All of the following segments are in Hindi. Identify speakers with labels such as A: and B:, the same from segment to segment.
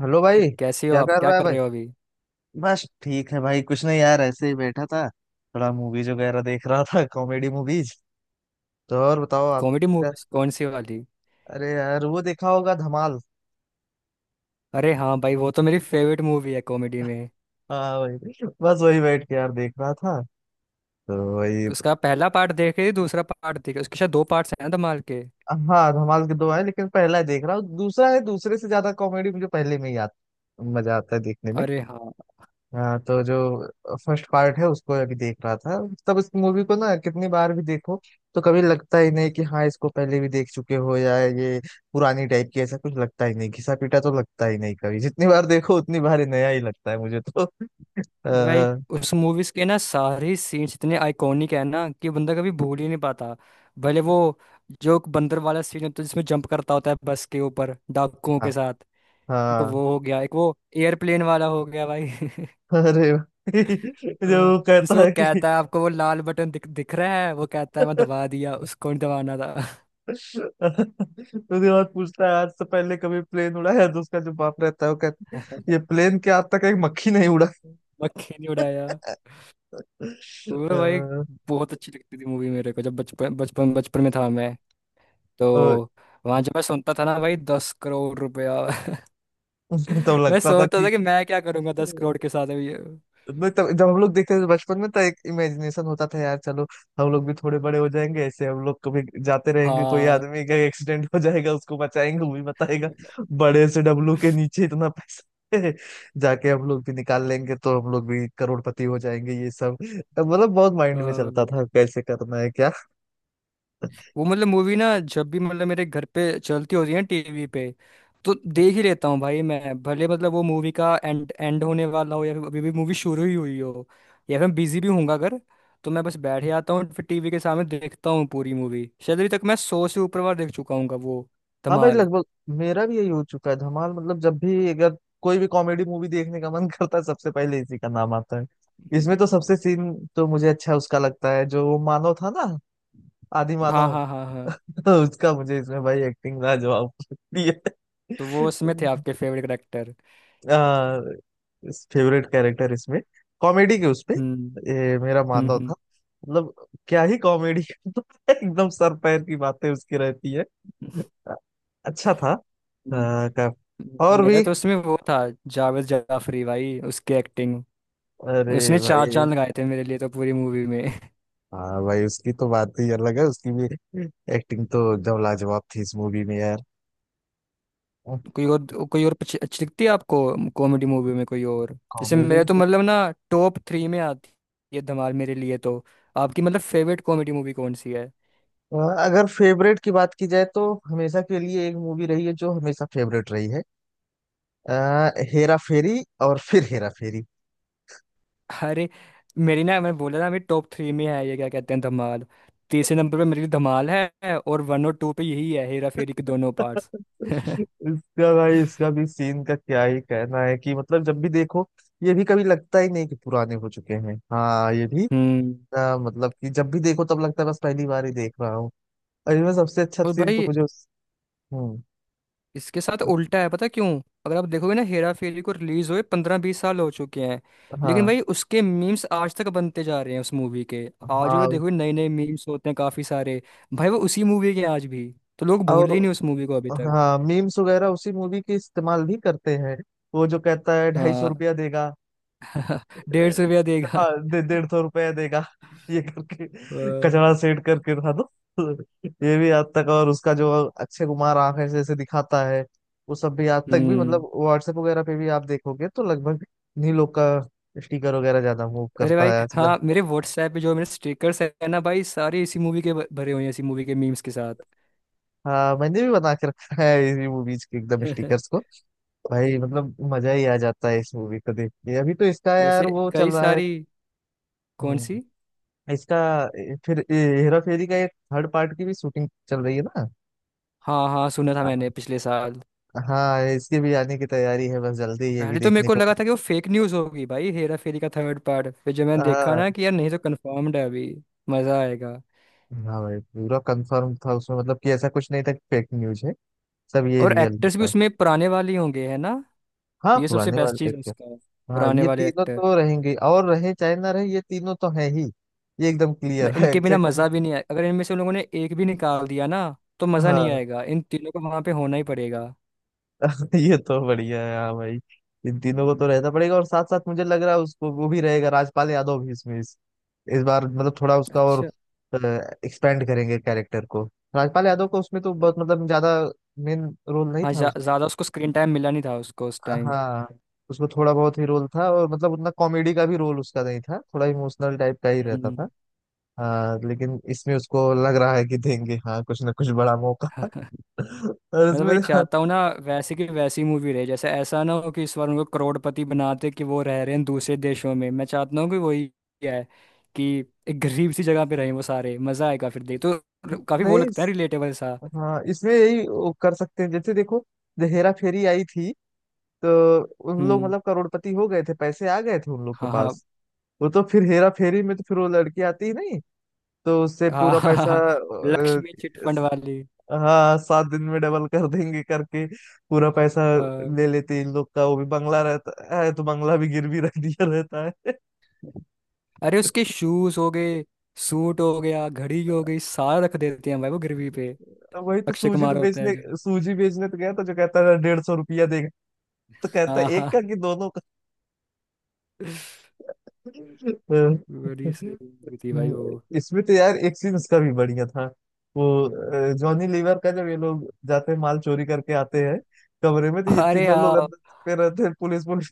A: हेलो
B: ये
A: भाई।
B: कैसी हो
A: क्या
B: आप,
A: कर
B: क्या
A: रहा है
B: कर
A: भाई।
B: रहे हो अभी।
A: बस ठीक है भाई, कुछ नहीं यार, ऐसे ही बैठा था थोड़ा मूवीज वगैरह देख रहा था कॉमेडी मूवीज। तो और बताओ आप।
B: कॉमेडी
A: क्या-
B: मूवीज कौन सी वाली?
A: अरे यार, वो देखा होगा धमाल।
B: अरे हाँ भाई वो तो मेरी फेवरेट मूवी है कॉमेडी में।
A: हाँ भाई, बस वही बैठ के यार देख रहा था, तो वही।
B: उसका पहला पार्ट देखे दूसरा पार्ट देखे, उसके शायद दो पार्ट्स हैं ना धमाल के।
A: हाँ, धमाल के दो है लेकिन पहला है देख रहा हूँ, दूसरा है। दूसरे से ज्यादा कॉमेडी मुझे पहले में ही आता, मजा आता है देखने में।
B: अरे हाँ।
A: हाँ तो जो फर्स्ट पार्ट है उसको अभी देख रहा था। तब इस मूवी को ना कितनी बार भी देखो तो कभी लगता ही नहीं कि हाँ इसको पहले भी देख चुके हो या ये पुरानी टाइप की, ऐसा कुछ लगता ही नहीं। घिसा पीटा तो लगता ही नहीं कभी, जितनी बार देखो उतनी बार ही नया ही लगता है मुझे तो।
B: अरे भाई
A: आ,
B: उस मूवीज के ना सारे सीन्स इतने आइकॉनिक है ना कि बंदा कभी भूल ही नहीं पाता। भले वो जो बंदर वाला सीन होता है जिसमें जंप करता होता है बस के ऊपर डाकुओं
A: हाँ,
B: के साथ। एक
A: हाँ।
B: वो हो गया, एक वो एयरप्लेन वाला हो गया भाई।
A: अरे भाई, जो
B: अ,
A: वो कहता
B: जिसमें वो
A: है कि
B: कहता है आपको वो लाल बटन दिख दिख रहा है, वो कहता है मैं दबा दिया, उसको नहीं दबाना था।
A: उसके बाद पूछता है आज से पहले कभी प्लेन उड़ाया, तो उसका जो बाप रहता है वो कहता है ये प्लेन के आज तक एक मक्खी नहीं उड़ा।
B: मक्खी नहीं उड़ाया। वो तो भाई बहुत अच्छी लगती थी मूवी मेरे को जब बचपन बचपन बचपन में था मैं। तो
A: अ,
B: वहां जब मैं सुनता था ना भाई 10 करोड़ रुपया।
A: तब
B: मैं
A: लगता था
B: सोचता
A: कि
B: था कि मैं क्या करूंगा 10 करोड़ के साथ अभी।
A: मैं तब जब हम लोग देखते थे बचपन में, तो एक इमेजिनेशन होता था यार। चलो हम लोग भी थोड़े बड़े हो जाएंगे, ऐसे हम लोग कभी जाते रहेंगे, कोई
B: हाँ।
A: आदमी का एक्सीडेंट हो जाएगा उसको बचाएंगे, वो भी बताएगा बड़े से डब्लू के नीचे इतना पैसा है, जाके हम लोग भी निकाल लेंगे, तो हम लोग भी करोड़पति हो जाएंगे। ये सब मतलब बहुत माइंड में
B: हाँ।
A: चलता था कैसे करना है क्या।
B: वो मतलब मूवी ना जब भी मतलब मेरे घर पे चलती होती है ना टीवी पे, तो देख ही लेता हूँ भाई मैं, भले मतलब वो मूवी का एंड एंड होने वाला हो या फिर अभी भी मूवी शुरू ही हुई हो, या फिर मैं बिजी भी हूँगा अगर, तो मैं बस बैठ जाता हूँ फिर टीवी के सामने देखता हूँ पूरी मूवी। शायद अभी तक मैं 100 से ऊपर बार देख चुका हूँ वो
A: हाँ भाई
B: धमाल।
A: लगभग मेरा भी यही हो चुका है धमाल। मतलब जब भी अगर कोई भी कॉमेडी मूवी देखने का मन करता है सबसे पहले इसी का नाम आता है। इसमें तो सबसे सीन तो मुझे अच्छा उसका लगता है जो वो मानव था ना, आदि
B: हाँ
A: मानव।
B: हाँ हाँ हाँ।
A: तो उसका मुझे इसमें भाई एक्टिंग लाजवाब लगती है।
B: तो वो उसमें थे आपके फेवरेट करेक्टर?
A: आ, फेवरेट कैरेक्टर इसमें कॉमेडी के उसपे
B: हम्म
A: ये मेरा मानव
B: हम्म।
A: था मतलब। क्या ही कॉमेडी एकदम सर पैर की बातें उसकी रहती है। अच्छा था
B: हम्म।
A: और
B: मेरा
A: भी।
B: तो उसमें वो था जावेद जाफरी भाई, उसकी एक्टिंग।
A: अरे
B: उसने चार
A: भाई,
B: चांद लगाए थे मेरे लिए तो पूरी मूवी में।
A: हाँ भाई उसकी तो बात ही अलग है, उसकी भी एक्टिंग तो एकदम लाजवाब थी इस मूवी में यार।
B: कोई और कोई और अच्छी अच्छी लगती है आपको कॉमेडी मूवी में कोई और? जैसे
A: कॉमेडी।
B: मेरे तो मतलब ना टॉप 3 में आती है धमाल मेरे लिए तो। आपकी मतलब फेवरेट कॉमेडी मूवी कौन सी है?
A: अगर फेवरेट की बात की जाए तो हमेशा के लिए एक मूवी रही है जो हमेशा फेवरेट रही है, हेरा फेरी। और फिर हेरा फेरी।
B: अरे मेरी ना, मैं बोला ना, मेरी टॉप 3 में है ये क्या कहते हैं धमाल। तीसरे नंबर पे मेरी धमाल है और 1 और 2 पे यही है हेरा फेरी के दोनों पार्ट्स।
A: इसका भाई इसका भी सीन का क्या ही कहना है कि मतलब जब भी देखो ये भी कभी लगता ही नहीं कि पुराने हो चुके हैं। हाँ ये भी,
B: हम्म।
A: मतलब कि जब भी देखो तब लगता है बस पहली बार ही देख रहा हूँ। और इनमें सबसे अच्छा
B: और
A: सीन तो
B: भाई
A: मुझे हम्म।
B: इसके साथ उल्टा है, पता क्यों? अगर आप देखोगे ना, हेरा फेरी को रिलीज हुए 15-20 साल हो चुके हैं, लेकिन
A: हाँ,
B: भाई उसके मीम्स आज तक बनते जा रहे हैं उस मूवी के। आज भी
A: हाँ।
B: देखोगे नए नए मीम्स होते हैं काफी सारे भाई वो उसी मूवी के हैं आज भी। तो लोग
A: और
B: भूले ही नहीं उस मूवी को अभी तक।
A: हाँ, मीम्स वगैरह उसी मूवी के इस्तेमाल भी करते हैं। वो जो कहता है ढाई सौ
B: हाँ।
A: रुपया देगा।
B: 150 रुपया देगा।
A: हाँ दे 150 रुपया देगा, ये करके
B: वाह।
A: कचरा सेट करके था दो। ये भी आज तक, और उसका जो अक्षय कुमार आंखें से ऐसे दिखाता है वो सब भी आज तक भी,
B: हम्म।
A: मतलब व्हाट्सएप वगैरह पे भी आप देखोगे तो लगभग इन्हीं लोग का स्टिकर वगैरह ज्यादा मूव
B: अरे
A: करता
B: भाई
A: है आजकल।
B: हाँ, मेरे व्हाट्सएप पे जो मेरे स्टिकर्स है ना भाई, सारे इसी मूवी के भरे हुए हैं इसी मूवी के मीम्स के साथ।
A: हाँ, मैंने भी बना के रखा है इसी मूवीज के एकदम स्टिकर्स को। भाई मतलब मजा ही आ जाता है इस मूवी को देख के। अभी तो इसका यार
B: जैसे
A: वो चल
B: कई
A: रहा है।
B: सारी कौन
A: हम्म,
B: सी?
A: इसका ए, फिर ए, हेरा फेरी का एक थर्ड पार्ट की भी शूटिंग चल रही है ना।
B: हाँ हाँ, सुना था मैंने पिछले साल।
A: हाँ इसके भी आने की तैयारी है, बस जल्दी ये भी
B: पहले तो मेरे
A: देखने
B: को
A: को
B: लगा था कि वो फेक न्यूज होगी भाई, हेरा फेरी का थर्ड पार्ट, फिर जब मैंने देखा
A: हाँ।
B: ना कि यार नहीं तो कंफर्म्ड है अभी। मजा आएगा।
A: हाँ भाई पूरा कंफर्म था उसमें, मतलब कि ऐसा कुछ नहीं था कि फेक न्यूज है, सब ये
B: और
A: रियल
B: एक्टर्स भी
A: था।
B: उसमें पुराने वाले ही होंगे है ना?
A: हाँ
B: ये सबसे
A: पुराने
B: बेस्ट
A: वाले
B: चीज है उसका।
A: हाँ
B: पुराने
A: ये
B: वाले
A: तीनों
B: एक्टर।
A: तो रहेंगे, और रहे चाहे ना रहे, ये तीनों तो हैं ही। ये एकदम क्लियर है,
B: इनके बिना
A: अक्षय
B: मजा
A: कुमार।
B: भी नहीं आएगा, अगर इनमें से उन लोगों ने एक भी निकाल दिया ना, तो मजा नहीं
A: हाँ
B: आएगा, इन तीनों को वहां पे होना ही पड़ेगा।
A: ये तो बढ़िया है हाँ भाई। इन तीनों को
B: हम्म,
A: तो रहना पड़ेगा। और साथ साथ मुझे लग रहा है उसको वो भी रहेगा, राजपाल यादव भी इसमें, इस बार मतलब थोड़ा उसका और
B: अच्छा।
A: एक्सपेंड करेंगे कैरेक्टर को। राजपाल यादव को उसमें तो बहुत मतलब ज्यादा मेन रोल नहीं
B: हाँ
A: था उस,
B: ज्यादा उसको स्क्रीन टाइम मिला नहीं था उसको उस टाइम।
A: हाँ उसमें थोड़ा बहुत ही रोल था, और मतलब उतना कॉमेडी का भी रोल उसका नहीं था, थोड़ा इमोशनल टाइप का ही रहता
B: हम्म।
A: था। हाँ लेकिन इसमें उसको लग रहा है कि देंगे हाँ कुछ ना कुछ बड़ा मौका। और
B: मैं तो
A: इसमें
B: भाई
A: हाँ,
B: चाहता हूँ ना वैसे की वैसी मूवी रहे, जैसे ऐसा ना हो कि इस बार उनको करोड़पति बनाते कि वो रह रहे हैं दूसरे देशों में, मैं चाहता हूँ कि वही है, कि एक गरीब सी जगह पे रहें वो सारे, मजा आएगा फिर देख तो, काफी वो
A: नहीं,
B: लगता है रिलेटेबल सा।
A: हाँ इसमें यही वो कर सकते हैं। जैसे देखो जब हेरा फेरी आई थी तो उन लोग
B: हम्म।
A: मतलब करोड़पति हो गए थे, पैसे आ गए थे उन लोग के
B: हाँ हाँ
A: पास। वो तो फिर हेरा फेरी में तो फिर वो लड़की आती ही नहीं, तो उससे
B: हाँ
A: पूरा
B: हाँ। हाँ,
A: पैसा
B: हाँ। लक्ष्मी चिटफंड
A: इस-
B: वाली।
A: हाँ 7 दिन में डबल कर देंगे करके पूरा पैसा
B: अ,
A: ले लेते इन लोग का। वो भी बंगला रहता है तो बंगला भी गिरवी रख दिया रहता है।
B: अरे उसके शूज हो गए, सूट हो गया, घड़ी हो गई, सारा रख देते हैं भाई वो गिरवी पे।
A: वही तो
B: अक्षय कुमार होता है जो।
A: सूजी बेचने तो गया तो जो कहता है 150 रुपया देगा, तो कहता है
B: हाँ हाँ।
A: एक का कि दोनों का।
B: बड़ी सही movie थी भाई वो।
A: इसमें तो यार एक सीन उसका भी बढ़िया था, वो जॉनी लीवर का। जब ये लोग जाते हैं माल चोरी करके आते हैं कमरे में तो ये
B: अरे
A: तीनों लोग
B: हाँ।
A: अंदर छुपे रहते हैं, पुलिस पुलिस।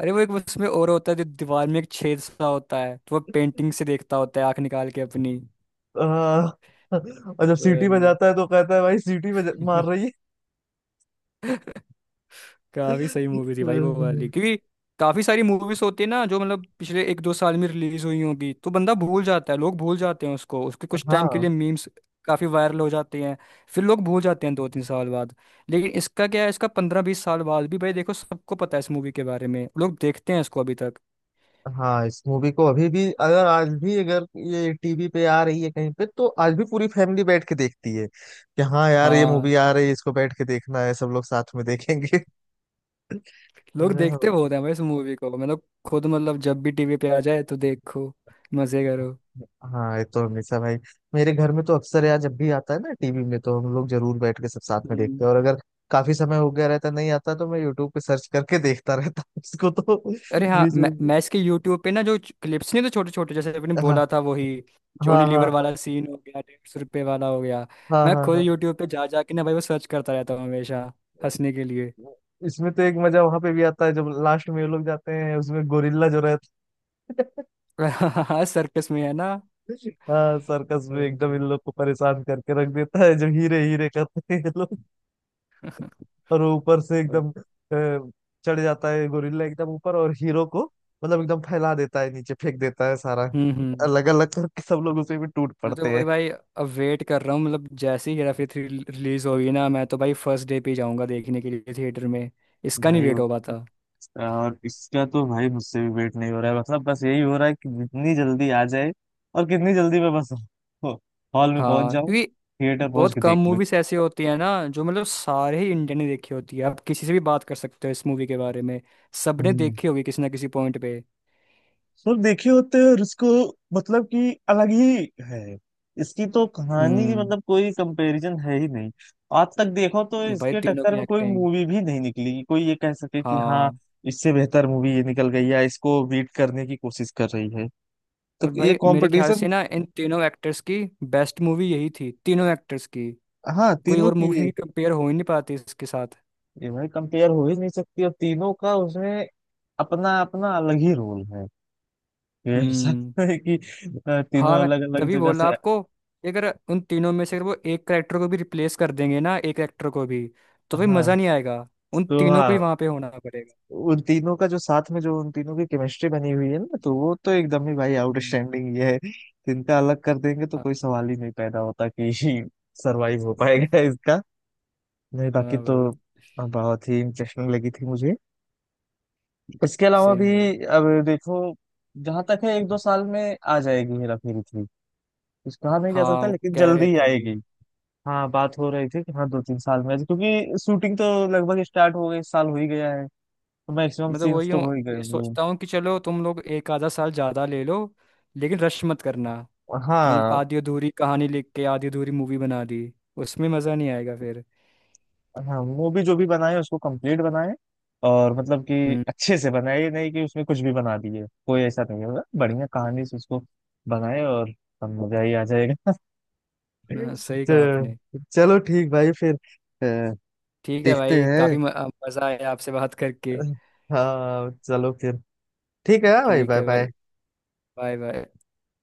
B: अरे वो एक उसमें और होता है, जो दीवार में एक छेद सा होता है तो वो पेंटिंग से देखता होता है आंख निकाल के अपनी।
A: आ, और जब सीटी
B: वही।
A: बजाता है तो कहता है भाई सीटी बजा मार रही है।
B: काफी सही मूवी थी भाई वो वाली, क्योंकि काफी सारी मूवीज होती है ना जो मतलब पिछले एक दो साल में रिलीज हुई होंगी, तो बंदा भूल जाता है, लोग भूल जाते हैं उसको, उसके कुछ टाइम के
A: हाँ,
B: लिए मीम्स काफी वायरल हो जाते हैं, फिर लोग भूल जाते हैं दो तीन साल बाद। लेकिन इसका क्या है, इसका 15-20 साल बाद भी भाई देखो सबको पता है इस मूवी के बारे में, लोग देखते हैं इसको अभी तक।
A: हाँ इस मूवी को अभी भी, अगर आज भी अगर ये टीवी पे आ रही है कहीं पे, तो आज भी पूरी फैमिली बैठ के देखती है कि हाँ यार ये
B: हाँ।
A: मूवी आ रही है इसको बैठ के देखना है, सब लोग साथ में देखेंगे।
B: लोग देखते बहुत हैं भाई इस मूवी को, मैं तो खुद मतलब जब भी टीवी पे आ जाए तो देखो, मजे करो।
A: हाँ ये तो हमेशा भाई, मेरे घर में तो अक्सर यार जब भी आता है ना टीवी में तो हम लोग जरूर बैठ के सब साथ में देखते
B: हम्म।
A: हैं। और अगर काफी समय हो गया रहता नहीं आता, तो मैं यूट्यूब पे सर्च करके देखता रहता हूँ इसको तो
B: अरे हाँ,
A: बीच
B: मैं
A: बीच।
B: मैं इसके यूट्यूब पे ना जो क्लिप्स नहीं तो छोटे छोटे, जैसे आपने
A: हाँ,
B: बोला था वही
A: हाँ,
B: जॉनी
A: हाँ।
B: लीवर
A: हाँ,
B: वाला सीन हो गया, 150 रुपये वाला हो गया।
A: हाँ,
B: मैं
A: हाँ,
B: खुद
A: हाँ।
B: यूट्यूब पे जा जा के ना भाई वो सर्च करता रहता हूँ हमेशा, हंसने के लिए।
A: इसमें तो एक मजा वहां पे भी आता है जब लास्ट में ये लोग जाते हैं, उसमें गोरिल्ला जो रहता है।
B: हाँ सर्कस में है ना।
A: हाँ सर्कस में एकदम इन
B: हम्म,
A: लोग को परेशान करके रख देता है जब हीरे हीरे करते हैं। और वो ऊपर से
B: हम्म।
A: एकदम चढ़ जाता है गोरिल्ला एकदम ऊपर, और हीरो को मतलब एकदम फैला देता है, नीचे फेंक देता है, सारा
B: हम्म।
A: अलग अलग करके सब लोग उसे भी टूट
B: मैं तो
A: पड़ते
B: वही
A: हैं।
B: भाई अब वेट कर रहा हूँ, मतलब जैसे ही हेरा फेरी 3 रिलीज होगी ना, मैं तो भाई फर्स्ट डे पे ही जाऊंगा देखने के लिए थिएटर में। इसका नहीं
A: भाई,
B: वेट हो पाता।
A: और इसका तो भाई मुझसे भी वेट नहीं हो रहा है, मतलब बस यही हो रहा है कि जितनी जल्दी आ जाए, और कितनी जल्दी मैं बस हॉल में पहुंच
B: हाँ,
A: जाऊं,
B: क्योंकि
A: थिएटर पहुंच
B: बहुत
A: के देख
B: कम मूवीज ऐसी होती है ना जो मतलब सारे ही इंडियन ने देखी होती है, आप किसी से भी बात कर सकते हो इस मूवी के बारे में, सबने
A: लूं।
B: देखी होगी किसी ना किसी पॉइंट पे।
A: सर देखे होते हैं, और इसको मतलब कि अलग ही है। इसकी तो कहानी की
B: हम्म।
A: मतलब कोई कंपैरिजन है ही नहीं। आज तक देखो तो
B: भाई
A: इसके
B: तीनों
A: टक्कर
B: की
A: में कोई
B: एक्टिंग।
A: मूवी भी नहीं निकली कि कोई ये कह सके कि हाँ
B: हाँ
A: इससे बेहतर मूवी ये निकल गई, या इसको बीट करने की कोशिश कर रही है। तो
B: और
A: ये
B: भाई मेरे ख्याल
A: कंपटीशन,
B: से ना इन तीनों एक्टर्स की बेस्ट मूवी यही थी तीनों एक्टर्स की।
A: हाँ
B: कोई
A: तीनों
B: और
A: की
B: मूवी
A: ये।
B: से कंपेयर हो ही नहीं पाती इसके साथ।
A: ये भाई कंपेयर हो ही नहीं सकती, और तीनों का उसमें अपना अपना अलग ही रोल है। ये ऐसा
B: हम्म।
A: है कि
B: हाँ
A: तीनों
B: मैं
A: अलग अलग
B: तभी
A: जगह
B: बोला
A: से।
B: आपको कि अगर उन तीनों में से अगर वो एक करेक्टर को भी रिप्लेस कर देंगे ना, एक एक्टर को भी, तो भाई मज़ा
A: हाँ
B: नहीं आएगा, उन
A: तो
B: तीनों को
A: हाँ,
B: ही वहाँ पे होना पड़ेगा।
A: उन तीनों का जो साथ में, जो उन तीनों की केमिस्ट्री बनी हुई है ना तो वो तो एकदम ही भाई
B: हम्म,
A: आउटस्टैंडिंग ये है। तो इनका अलग कर देंगे तो
B: हाँ।
A: कोई सवाल ही नहीं पैदा होता कि सरवाइव हो पाएगा इसका। नहीं, बाकी
B: हाँ
A: तो
B: भाई।
A: बहुत ही इंटरेस्टिंग लगी थी मुझे इसके अलावा भी।
B: सेम भाई।
A: अब देखो जहां तक है 1-2 साल में आ जाएगी हेरा फेरी थ्री। कुछ कहा नहीं जा
B: हाँ
A: सकता
B: वो
A: लेकिन
B: कह
A: जल्दी
B: रहे
A: ही
B: थे वो।
A: आएगी। हाँ बात हो रही थी कि हाँ 2-3 साल में आ जाए, क्योंकि शूटिंग तो लगभग स्टार्ट हो गई, इस साल हो ही गया है, तो मैक्सिमम
B: मैं तो
A: सीन्स
B: वही
A: तो
B: हूँ,
A: हो ही गए
B: ये
A: होंगे।
B: सोचता हूँ कि चलो तुम लोग एक आधा साल ज़्यादा ले लो, लेकिन रश मत करना, कि मतलब
A: हाँ,
B: आधी अधूरी कहानी लिख के आधी अधूरी मूवी बना दी, उसमें मज़ा नहीं आएगा फिर।
A: हाँ मूवी जो भी बनाए उसको कंप्लीट बनाए, और मतलब कि
B: हम्म।
A: अच्छे से बनाए, ये नहीं कि उसमें कुछ भी बना दिए। कोई ऐसा नहीं होगा, बढ़िया कहानी से उसको बनाए और सब मजा ही आ जाएगा।
B: हाँ, सही कहा
A: तो
B: आपने।
A: चलो ठीक भाई फिर,
B: ठीक है
A: देखते
B: भाई,
A: हैं।
B: काफ़ी मज़ा आया आपसे बात करके।
A: हाँ चलो फिर, ठीक है भाई,
B: ठीक
A: बाय
B: है भाई
A: बाय।
B: Bye bye.